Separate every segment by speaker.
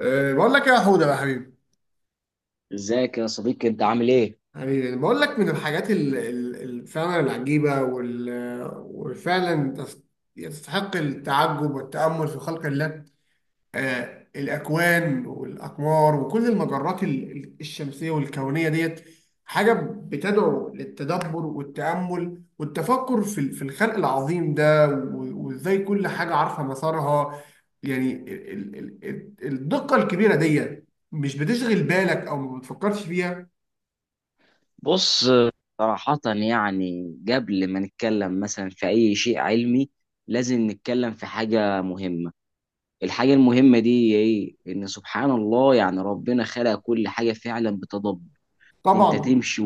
Speaker 1: بقول لك إيه يا حوده بقى حبيبي.
Speaker 2: ازيك يا صديقي؟ انت عامل ايه؟
Speaker 1: حبيبي، أنا بقول لك من الحاجات فعلا العجيبه وفعلا يستحق التعجب والتامل في خلق الله. الأكوان والأقمار وكل المجرات الشمسية والكونية ديت حاجة بتدعو للتدبر والتأمل والتفكر في في الخلق العظيم ده وإزاي كل حاجة عارفة مسارها. يعني الدقة الكبيرة ديت مش بتشغل بالك أو ما بتفكرش فيها.
Speaker 2: بص، صراحة يعني قبل ما نتكلم مثلا في اي شيء علمي لازم نتكلم في حاجة مهمة. الحاجة المهمة دي هي ايه؟ ان سبحان الله، يعني ربنا خلق كل حاجة فعلا بتدبر. انت
Speaker 1: طبعا.
Speaker 2: تمشي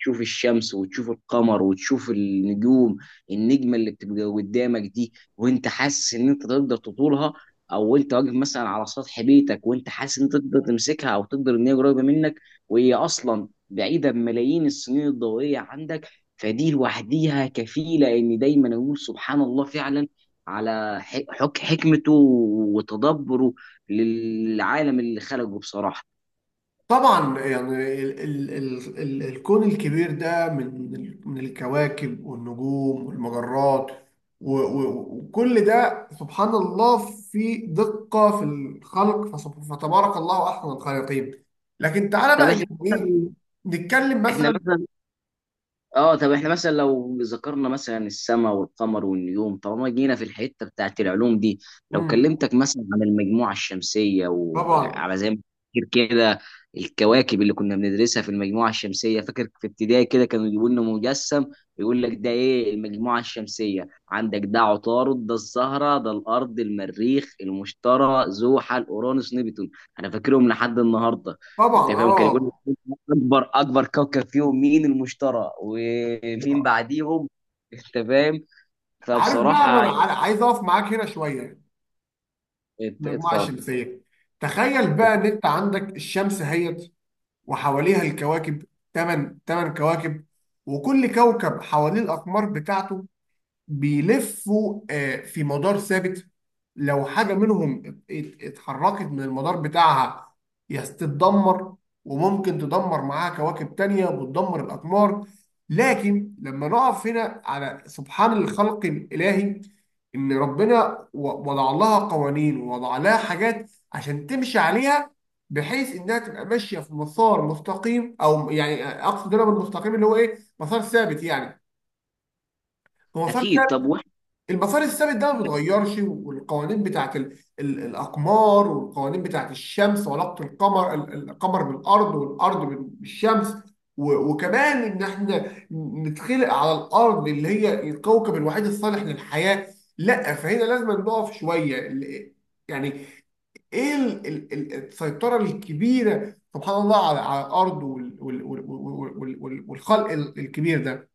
Speaker 2: تشوف الشمس وتشوف القمر وتشوف النجوم. النجمه اللي بتبقى قدامك دي وانت حاسس ان انت تقدر تطولها، او انت واقف مثلا على سطح بيتك وانت حاسس ان انت تقدر تمسكها او تقدر ان هي قريبه منك، وهي اصلا بعيده بملايين السنين الضوئيه عندك. فدي لوحديها كفيله ان دايما اقول سبحان الله فعلا على ح- حك حكمته وتدبره للعالم اللي خلقه بصراحه.
Speaker 1: طبعا يعني ال الكون الكبير ده من من الكواكب والنجوم والمجرات و- و- وكل ده سبحان الله في دقة في الخلق، فتبارك الله أحسن الخالقين. لكن تعالى بقى
Speaker 2: طب احنا
Speaker 1: يعني إيه
Speaker 2: مثلا،
Speaker 1: نتكلم
Speaker 2: احنا
Speaker 1: مثلا.
Speaker 2: مثلا اه طب احنا مثلا لو ذكرنا مثلا السماء والقمر والنجوم طالما جينا في الحته بتاعت العلوم دي، لو
Speaker 1: مم.
Speaker 2: كلمتك مثلا عن المجموعه الشمسيه
Speaker 1: طبعا.
Speaker 2: وعلى زي ما، فاكر كده، الكواكب اللي كنا بندرسها في المجموعه الشمسيه، فاكر في ابتدائي كده كانوا يجيبوا لنا مجسم يقول لك ده ايه المجموعه الشمسيه؟ عندك ده عطارد، ده الزهره، ده الارض، المريخ، المشتري، زحل، اورانوس، نبتون. انا فاكرهم لحد النهارده.
Speaker 1: طبعا،
Speaker 2: انت فاهم؟ كان يقول
Speaker 1: اه.
Speaker 2: لك اكبر كوكب فيهم مين؟ المشتري. ومين بعديهم؟ انت فاهم.
Speaker 1: عارف بقى، ما
Speaker 2: فبصراحه
Speaker 1: انا
Speaker 2: يعني
Speaker 1: عايز اقف معاك هنا شويه. المجموعه
Speaker 2: اتفضل.
Speaker 1: الشمسيه، تخيل بقى ان انت عندك الشمس اهيت وحواليها الكواكب، 8 كواكب، وكل كوكب حواليه الأقمار بتاعته، بيلفوا في مدار ثابت. لو حاجة منهم اتحركت من المدار بتاعها يستتدمر، وممكن تدمر معاها كواكب تانية وتدمر الأقمار. لكن لما نقف هنا على سبحان الخلق الإلهي، إن ربنا وضع لها قوانين ووضع لها حاجات عشان تمشي عليها، بحيث إنها تبقى ماشية في مسار مستقيم، أو يعني أقصد هنا بالمستقيم اللي هو إيه، مسار ثابت يعني. هو مسار،
Speaker 2: اكيد. طب واحد،
Speaker 1: المسار الثابت ده ما بيتغيرش، والقوانين بتاعت ال الاقمار والقوانين بتاعت الشمس وعلاقه القمر القمر بالارض، والارض بالشمس. وكمان ان احنا نتخلق على الارض اللي هي الكوكب الوحيد الصالح للحياه. لا، فهنا لازم نقف شويه يعني، ايه السيطره الكبيره سبحان الله على على الارض والخلق الكبير ده.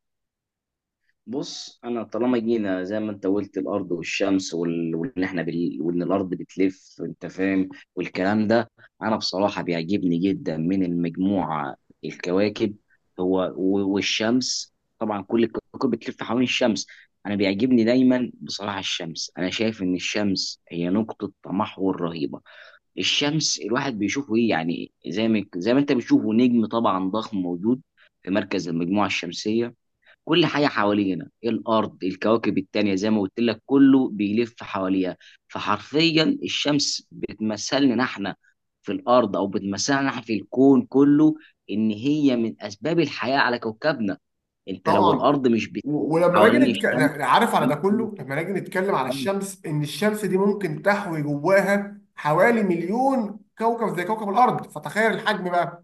Speaker 2: بص انا طالما جينا زي ما انت قلت، الارض والشمس وال... وان احنا بال... وان الارض بتلف، انت فاهم، والكلام ده، انا بصراحه بيعجبني جدا من المجموعه الكواكب هو و... والشمس. طبعا كل الكواكب بتلف حوالين الشمس. انا بيعجبني دايما بصراحه الشمس. انا شايف ان الشمس هي نقطه تمحور رهيبه. الشمس الواحد بيشوفه ايه؟ يعني زي ما انت بتشوفه نجم طبعا ضخم موجود في مركز المجموعه الشمسيه. كل حاجة حوالينا إيه؟ الأرض، الكواكب التانية، زي ما قلت لك كله بيلف حواليها. فحرفيا الشمس بتمثلنا احنا في الأرض، أو بتمثلنا احنا في الكون كله، إن هي من أسباب الحياة على كوكبنا. أنت لو
Speaker 1: طبعا،
Speaker 2: الأرض مش بتلف
Speaker 1: ولما نيجي
Speaker 2: حوالين
Speaker 1: نتكلم، عارف، على ده
Speaker 2: الشمس،
Speaker 1: كله. لما نيجي نتكلم على الشمس، ان الشمس دي ممكن تحوي جواها حوالي مليون كوكب زي كوكب الارض، فتخيل الحجم بقى.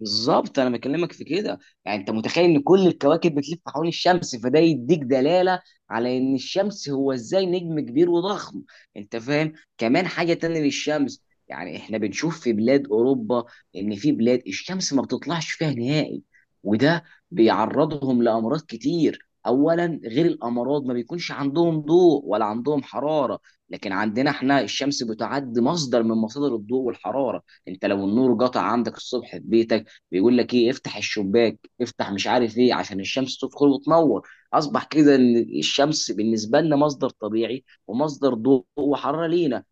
Speaker 2: بالظبط انا بكلمك في كده. يعني انت متخيل ان كل الكواكب بتلف حوالين الشمس، فده يديك دلاله على ان الشمس هو ازاي نجم كبير وضخم. انت فاهم؟ كمان حاجه تانية للشمس، يعني احنا بنشوف في بلاد اوروبا ان في بلاد الشمس ما بتطلعش فيها نهائي، وده بيعرضهم لامراض كتير. اولا، غير الامراض ما بيكونش عندهم ضوء ولا عندهم حراره. لكن عندنا احنا الشمس بتعد مصدر من مصادر الضوء والحراره. انت لو النور قطع عندك الصبح في بيتك بيقول لك ايه؟ افتح الشباك، افتح مش عارف ايه، عشان الشمس تدخل وتنور. اصبح كده ان الشمس بالنسبه لنا مصدر طبيعي ومصدر ضوء وحراره لينا.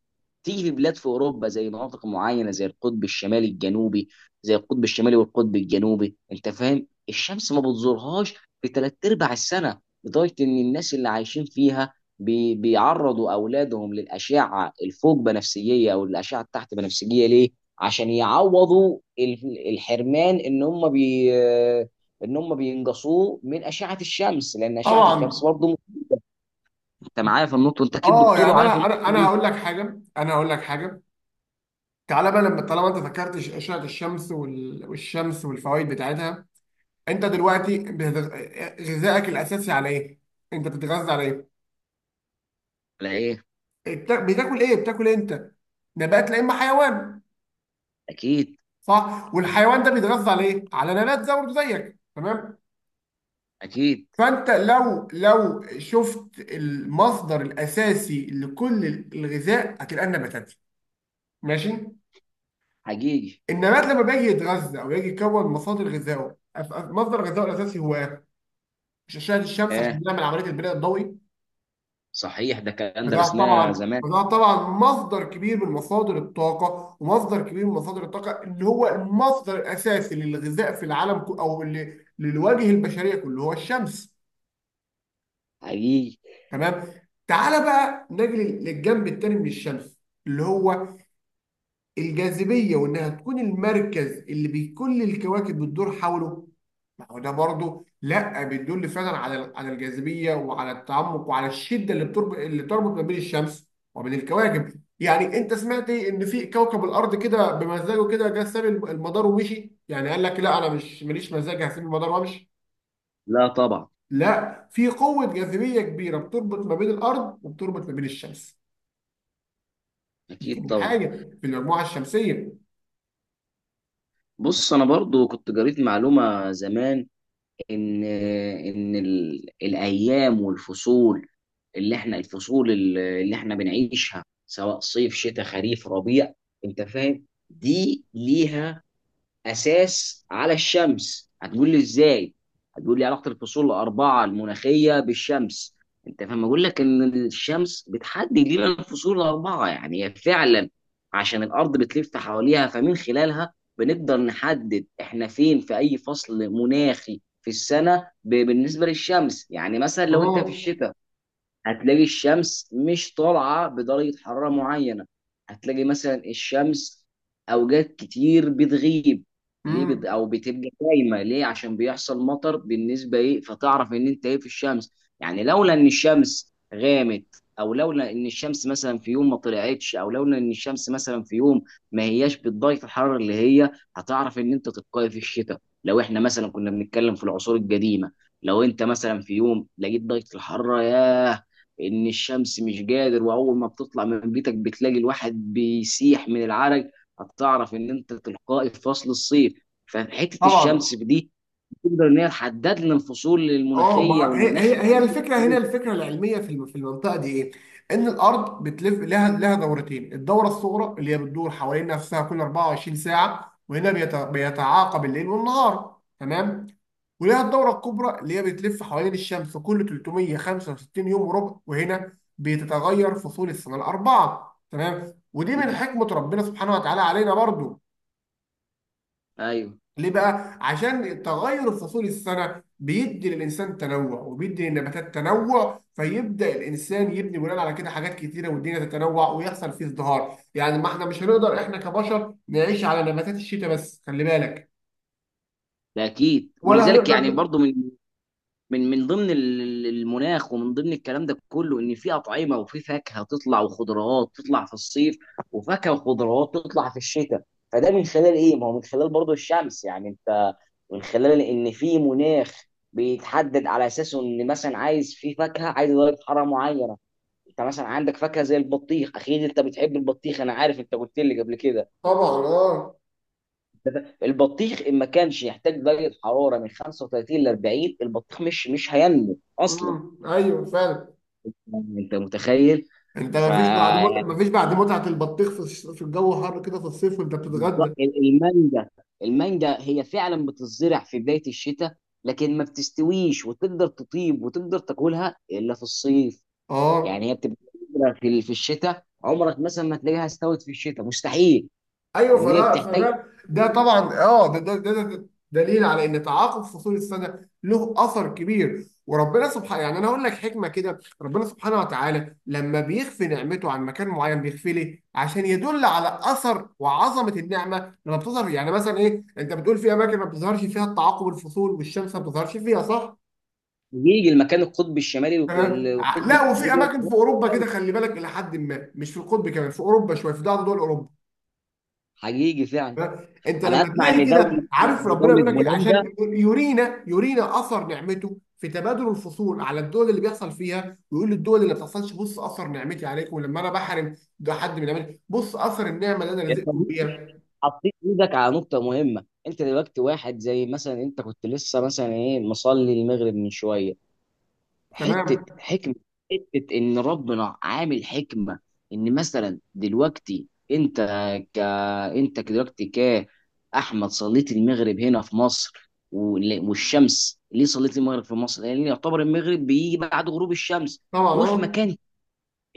Speaker 2: تيجي في بلاد في اوروبا زي مناطق معينه زي القطب الشمالي الجنوبي، زي القطب الشمالي والقطب الجنوبي، انت فاهم، الشمس ما بتزورهاش في ثلاث ارباع السنه، لدرجه ان الناس اللي عايشين فيها بيعرضوا اولادهم للاشعه الفوق بنفسجيه او الاشعه التحت بنفسجيه. ليه؟ عشان يعوضوا الحرمان ان هم ان هم بينقصوه من اشعه الشمس، لان اشعه الشمس
Speaker 1: طبعا
Speaker 2: برضه. انت معايا في النقطه؟ انت اكيد
Speaker 1: اه.
Speaker 2: دكتور
Speaker 1: يعني
Speaker 2: وعارف
Speaker 1: انا
Speaker 2: النقطه
Speaker 1: انا انا
Speaker 2: دي،
Speaker 1: هقول لك حاجه، انا هقول لك حاجه. تعالى بقى، لما طالما انت ذكرت اشعه الشمس والشمس والفوائد بتاعتها، انت دلوقتي غذائك الاساسي على ايه؟ انت بتتغذى على ايه؟
Speaker 2: ولا ايه؟
Speaker 1: بتاكل ايه؟ بتاكل إيه انت؟ نبات، لا اما حيوان.
Speaker 2: اكيد.
Speaker 1: صح، والحيوان ده بيتغذى على ايه؟ على نبات زي برضه زيك تمام.
Speaker 2: اكيد.
Speaker 1: فانت لو شفت المصدر الاساسي لكل الغذاء هتلقى النباتات. ماشي،
Speaker 2: حقيقي.
Speaker 1: النبات لما بيجي يتغذى او يجي يكون مصادر غذائه مصدر غذائه الاساسي هو إيه؟ مش اشعه الشمس
Speaker 2: اه.
Speaker 1: عشان نعمل عمليه البناء الضوئي؟
Speaker 2: صحيح، ده كان درسناه زمان.
Speaker 1: فده طبعا مصدر كبير من مصادر الطاقه، ومصدر كبير من مصادر الطاقه اللي هو المصدر الاساسي للغذاء في العالم او اللي للوجه البشريه كله هو الشمس.
Speaker 2: حقيقي.
Speaker 1: تمام. تعالى بقى نجي للجنب التاني من الشمس، اللي هو الجاذبيه، وانها تكون المركز اللي كل الكواكب بتدور حوله. ما هو ده برضه لا بيدل فعلا على على الجاذبيه وعلى التعمق وعلى الشده اللي تربط ما بين الشمس وبين الكواكب. يعني انت سمعت إيه؟ ان في كوكب الارض كده بمزاجه كده جه ساب المدار ومشي؟ يعني قال لك لا انا مش ماليش مزاج هسيب المدار وامشي.
Speaker 2: لا طبعا.
Speaker 1: لا، في قوه جاذبيه كبيره بتربط ما بين الارض وبتربط ما بين الشمس. دي
Speaker 2: اكيد
Speaker 1: تاني
Speaker 2: طبعا.
Speaker 1: حاجة في المجموعة الشمسية.
Speaker 2: بص، انا برضو كنت قريت معلومة زمان، ان ان ال... الايام والفصول اللي احنا، الفصول اللي احنا بنعيشها سواء صيف شتاء خريف ربيع، انت فاهم، دي ليها اساس على الشمس. هتقول لي ازاي؟ هتقول لي علاقه الفصول الاربعه المناخيه بالشمس. انت فاهم، اقول لك ان الشمس بتحدد لنا الفصول الاربعه. يعني هي فعلا عشان الارض بتلف حواليها، فمن خلالها بنقدر نحدد احنا فين في اي فصل مناخي في السنه بالنسبه للشمس. يعني مثلا لو انت في
Speaker 1: اه.
Speaker 2: الشتاء هتلاقي الشمس مش طالعة بدرجة حرارة معينة، هتلاقي مثلا الشمس أوقات كتير بتغيب. ليه
Speaker 1: امم.
Speaker 2: أو بتبقى دايمة؟ ليه؟ عشان بيحصل مطر، بالنسبة إيه، فتعرف إن أنت إيه في الشمس. يعني لولا إن الشمس غامت، أو لولا إن الشمس مثلا في يوم ما طلعتش، أو لولا إن الشمس مثلا في يوم ما هياش بالدرجة الحرارة اللي هي، هتعرف إن أنت تتقي في الشتاء. لو إحنا مثلا كنا بنتكلم في العصور القديمة، لو أنت مثلا في يوم لقيت درجة الحرارة يا ان الشمس مش قادر، واول ما بتطلع من بيتك بتلاقي الواحد بيسيح من العرق، هتعرف ان انت تلقائي في فصل الصيف. فحته
Speaker 1: طبعا
Speaker 2: الشمس دي تقدر ان هي تحدد لنا الفصول
Speaker 1: اه.
Speaker 2: المناخيه
Speaker 1: ما هي
Speaker 2: والمناخ.
Speaker 1: هي الفكره هنا، الفكره العلميه في في المنطقه دي ايه؟ ان الارض بتلف لها دورتين، الدوره الصغرى اللي هي بتدور حوالين نفسها كل 24 ساعه، وهنا بيتعاقب الليل والنهار، تمام؟ ولها الدوره الكبرى اللي هي بتلف حوالين الشمس كل 365 يوم وربع، وهنا بتتغير فصول السنه الاربعه، تمام؟ ودي من حكمه ربنا سبحانه وتعالى علينا برضو.
Speaker 2: ايوه،
Speaker 1: ليه بقى؟ عشان تغير فصول السنة بيدي للإنسان تنوع، وبيدي للنباتات تنوع، فيبدأ الإنسان يبني بناء على كده حاجات كتيرة، والدنيا تتنوع ويحصل فيه ازدهار. يعني ما احنا مش هنقدر احنا كبشر نعيش على نباتات الشتاء بس، خلي بالك،
Speaker 2: ده اكيد.
Speaker 1: ولا
Speaker 2: ولذلك يعني
Speaker 1: هنقدر.
Speaker 2: برضو من من ضمن المناخ، ومن ضمن الكلام ده كله، ان في اطعمه وفي فاكهه تطلع وخضروات تطلع في الصيف، وفاكهه وخضروات تطلع في الشتاء. فده من خلال ايه؟ ما هو من خلال برضه الشمس. يعني انت من خلال ان في مناخ بيتحدد على اساسه ان مثلا عايز في فاكهه، عايز درجه حراره معينه. انت مثلا عندك فاكهه زي البطيخ، اكيد انت بتحب البطيخ، انا عارف، انت قلت لي قبل كده.
Speaker 1: طبعا اه.
Speaker 2: البطيخ ان ما كانش يحتاج درجه حراره من 35 ل 40، البطيخ مش هينمو
Speaker 1: امم،
Speaker 2: اصلا.
Speaker 1: ايوه فعلا.
Speaker 2: انت متخيل؟
Speaker 1: انت
Speaker 2: ف
Speaker 1: ما فيش بعد ما فيش بعد متعة البطيخ في في الجو حر كده في الصيف وانت
Speaker 2: بالظبط.
Speaker 1: بتتغدى.
Speaker 2: المانجا، المانجا هي فعلا بتزرع في بدايه الشتاء، لكن ما بتستويش وتقدر تطيب وتقدر تاكلها الا في الصيف.
Speaker 1: اه
Speaker 2: يعني هي بتبقى بتزرع في الشتاء، عمرك مثلا ما تلاقيها استوت في الشتاء، مستحيل.
Speaker 1: ايوه.
Speaker 2: لان هي
Speaker 1: فده
Speaker 2: بتحتاج.
Speaker 1: فده ده طبعا اه، ده دليل على ان تعاقب فصول السنه له اثر كبير. وربنا سبحانه، يعني انا اقول لك حكمه كده، ربنا سبحانه وتعالى لما بيخفي نعمته عن مكان معين بيخفي ليه؟ عشان يدل على اثر وعظمه النعمه لما بتظهر. يعني مثلا ايه، انت بتقول في اماكن ما بتظهرش فيها التعاقب الفصول والشمس ما بتظهرش فيها، صح؟
Speaker 2: حقيقي، المكان القطبي الشمالي
Speaker 1: تمام.
Speaker 2: والقطب
Speaker 1: لا، وفي
Speaker 2: الجنوبي.
Speaker 1: اماكن في اوروبا كده خلي بالك، الى حد ما مش في القطب، كمان في اوروبا شويه، في بعض دول اوروبا.
Speaker 2: حقيقي فعلا.
Speaker 1: انت
Speaker 2: انا
Speaker 1: لما
Speaker 2: اسمع
Speaker 1: تلاقي
Speaker 2: ان دوله
Speaker 1: كده، عارف ربنا
Speaker 2: دوله
Speaker 1: بيقول لك ايه؟
Speaker 2: هولندا.
Speaker 1: عشان يرينا اثر نعمته في تبادل الفصول على الدول اللي بيحصل فيها، ويقول للدول اللي ما بتحصلش، بص اثر نعمتي عليكم، لما انا بحرم ده حد من عملي بص اثر النعمه اللي انا رزقكم بيها.
Speaker 2: حطيت ايدك على نقطة مهمة. انت دلوقتي واحد زي مثلا انت كنت لسه مثلا ايه مصلي المغرب من شوية. حتة
Speaker 1: تمام.
Speaker 2: حكمة، حتة ان ربنا عامل حكمة، ان مثلا دلوقتي انت ك انت دلوقتي كأحمد صليت المغرب هنا في مصر والشمس. ليه صليت المغرب في مصر؟ لان يعتبر المغرب بيجي بعد غروب الشمس.
Speaker 1: طبعا
Speaker 2: وفي
Speaker 1: اه.
Speaker 2: مكان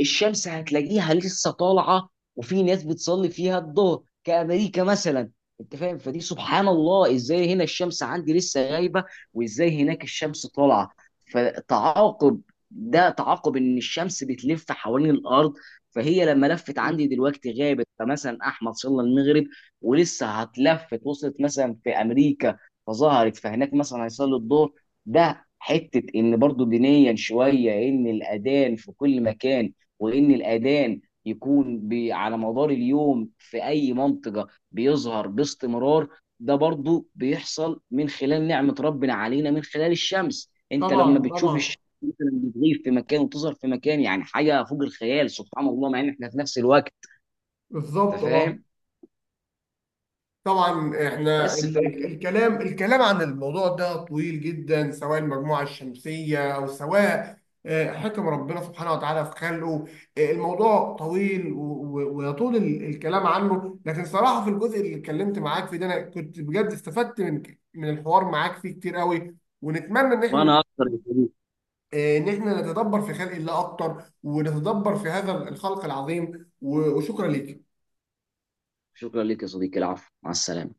Speaker 2: الشمس هتلاقيها لسه طالعه، وفي ناس بتصلي فيها الظهر كامريكا مثلا. انت فاهم؟ فدي سبحان الله، ازاي هنا الشمس عندي لسه غايبه، وازاي هناك الشمس طالعه. فتعاقب، ده تعاقب ان الشمس بتلف حوالين الارض. فهي لما لفت عندي دلوقتي غابت، فمثلا احمد صلى المغرب، ولسه هتلفت وصلت مثلا في امريكا فظهرت، فهناك مثلا هيصلي الظهر. ده حته ان برضو دينيا شويه، ان الاذان في كل مكان، وان الاذان يكون على مدار اليوم في اي منطقه بيظهر باستمرار. ده برضو بيحصل من خلال نعمه ربنا علينا من خلال الشمس. انت
Speaker 1: طبعا.
Speaker 2: لما بتشوف
Speaker 1: طبعا،
Speaker 2: الشمس مثلا بتغيب في مكان وتظهر في مكان، يعني حاجه فوق الخيال، سبحان الله، مع ان احنا في نفس الوقت. انت
Speaker 1: بالظبط اه.
Speaker 2: فاهم؟
Speaker 1: طبعا، احنا
Speaker 2: بس ف...
Speaker 1: الكلام عن الموضوع ده طويل جدا، سواء المجموعة الشمسية او سواء حكم ربنا سبحانه وتعالى في خلقه. الموضوع طويل ويطول الكلام عنه، لكن صراحة في الجزء اللي اتكلمت معاك فيه ده انا كنت بجد استفدت من الحوار معاك فيه كتير قوي. ونتمنى ان احنا
Speaker 2: وانا اكتر يا صديقي.
Speaker 1: ان احنا نتدبر في خلق الله اكتر، ونتدبر في هذا الخلق العظيم. وشكرا ليك.
Speaker 2: شكرا لك يا صديقي، العفو، مع السلامه.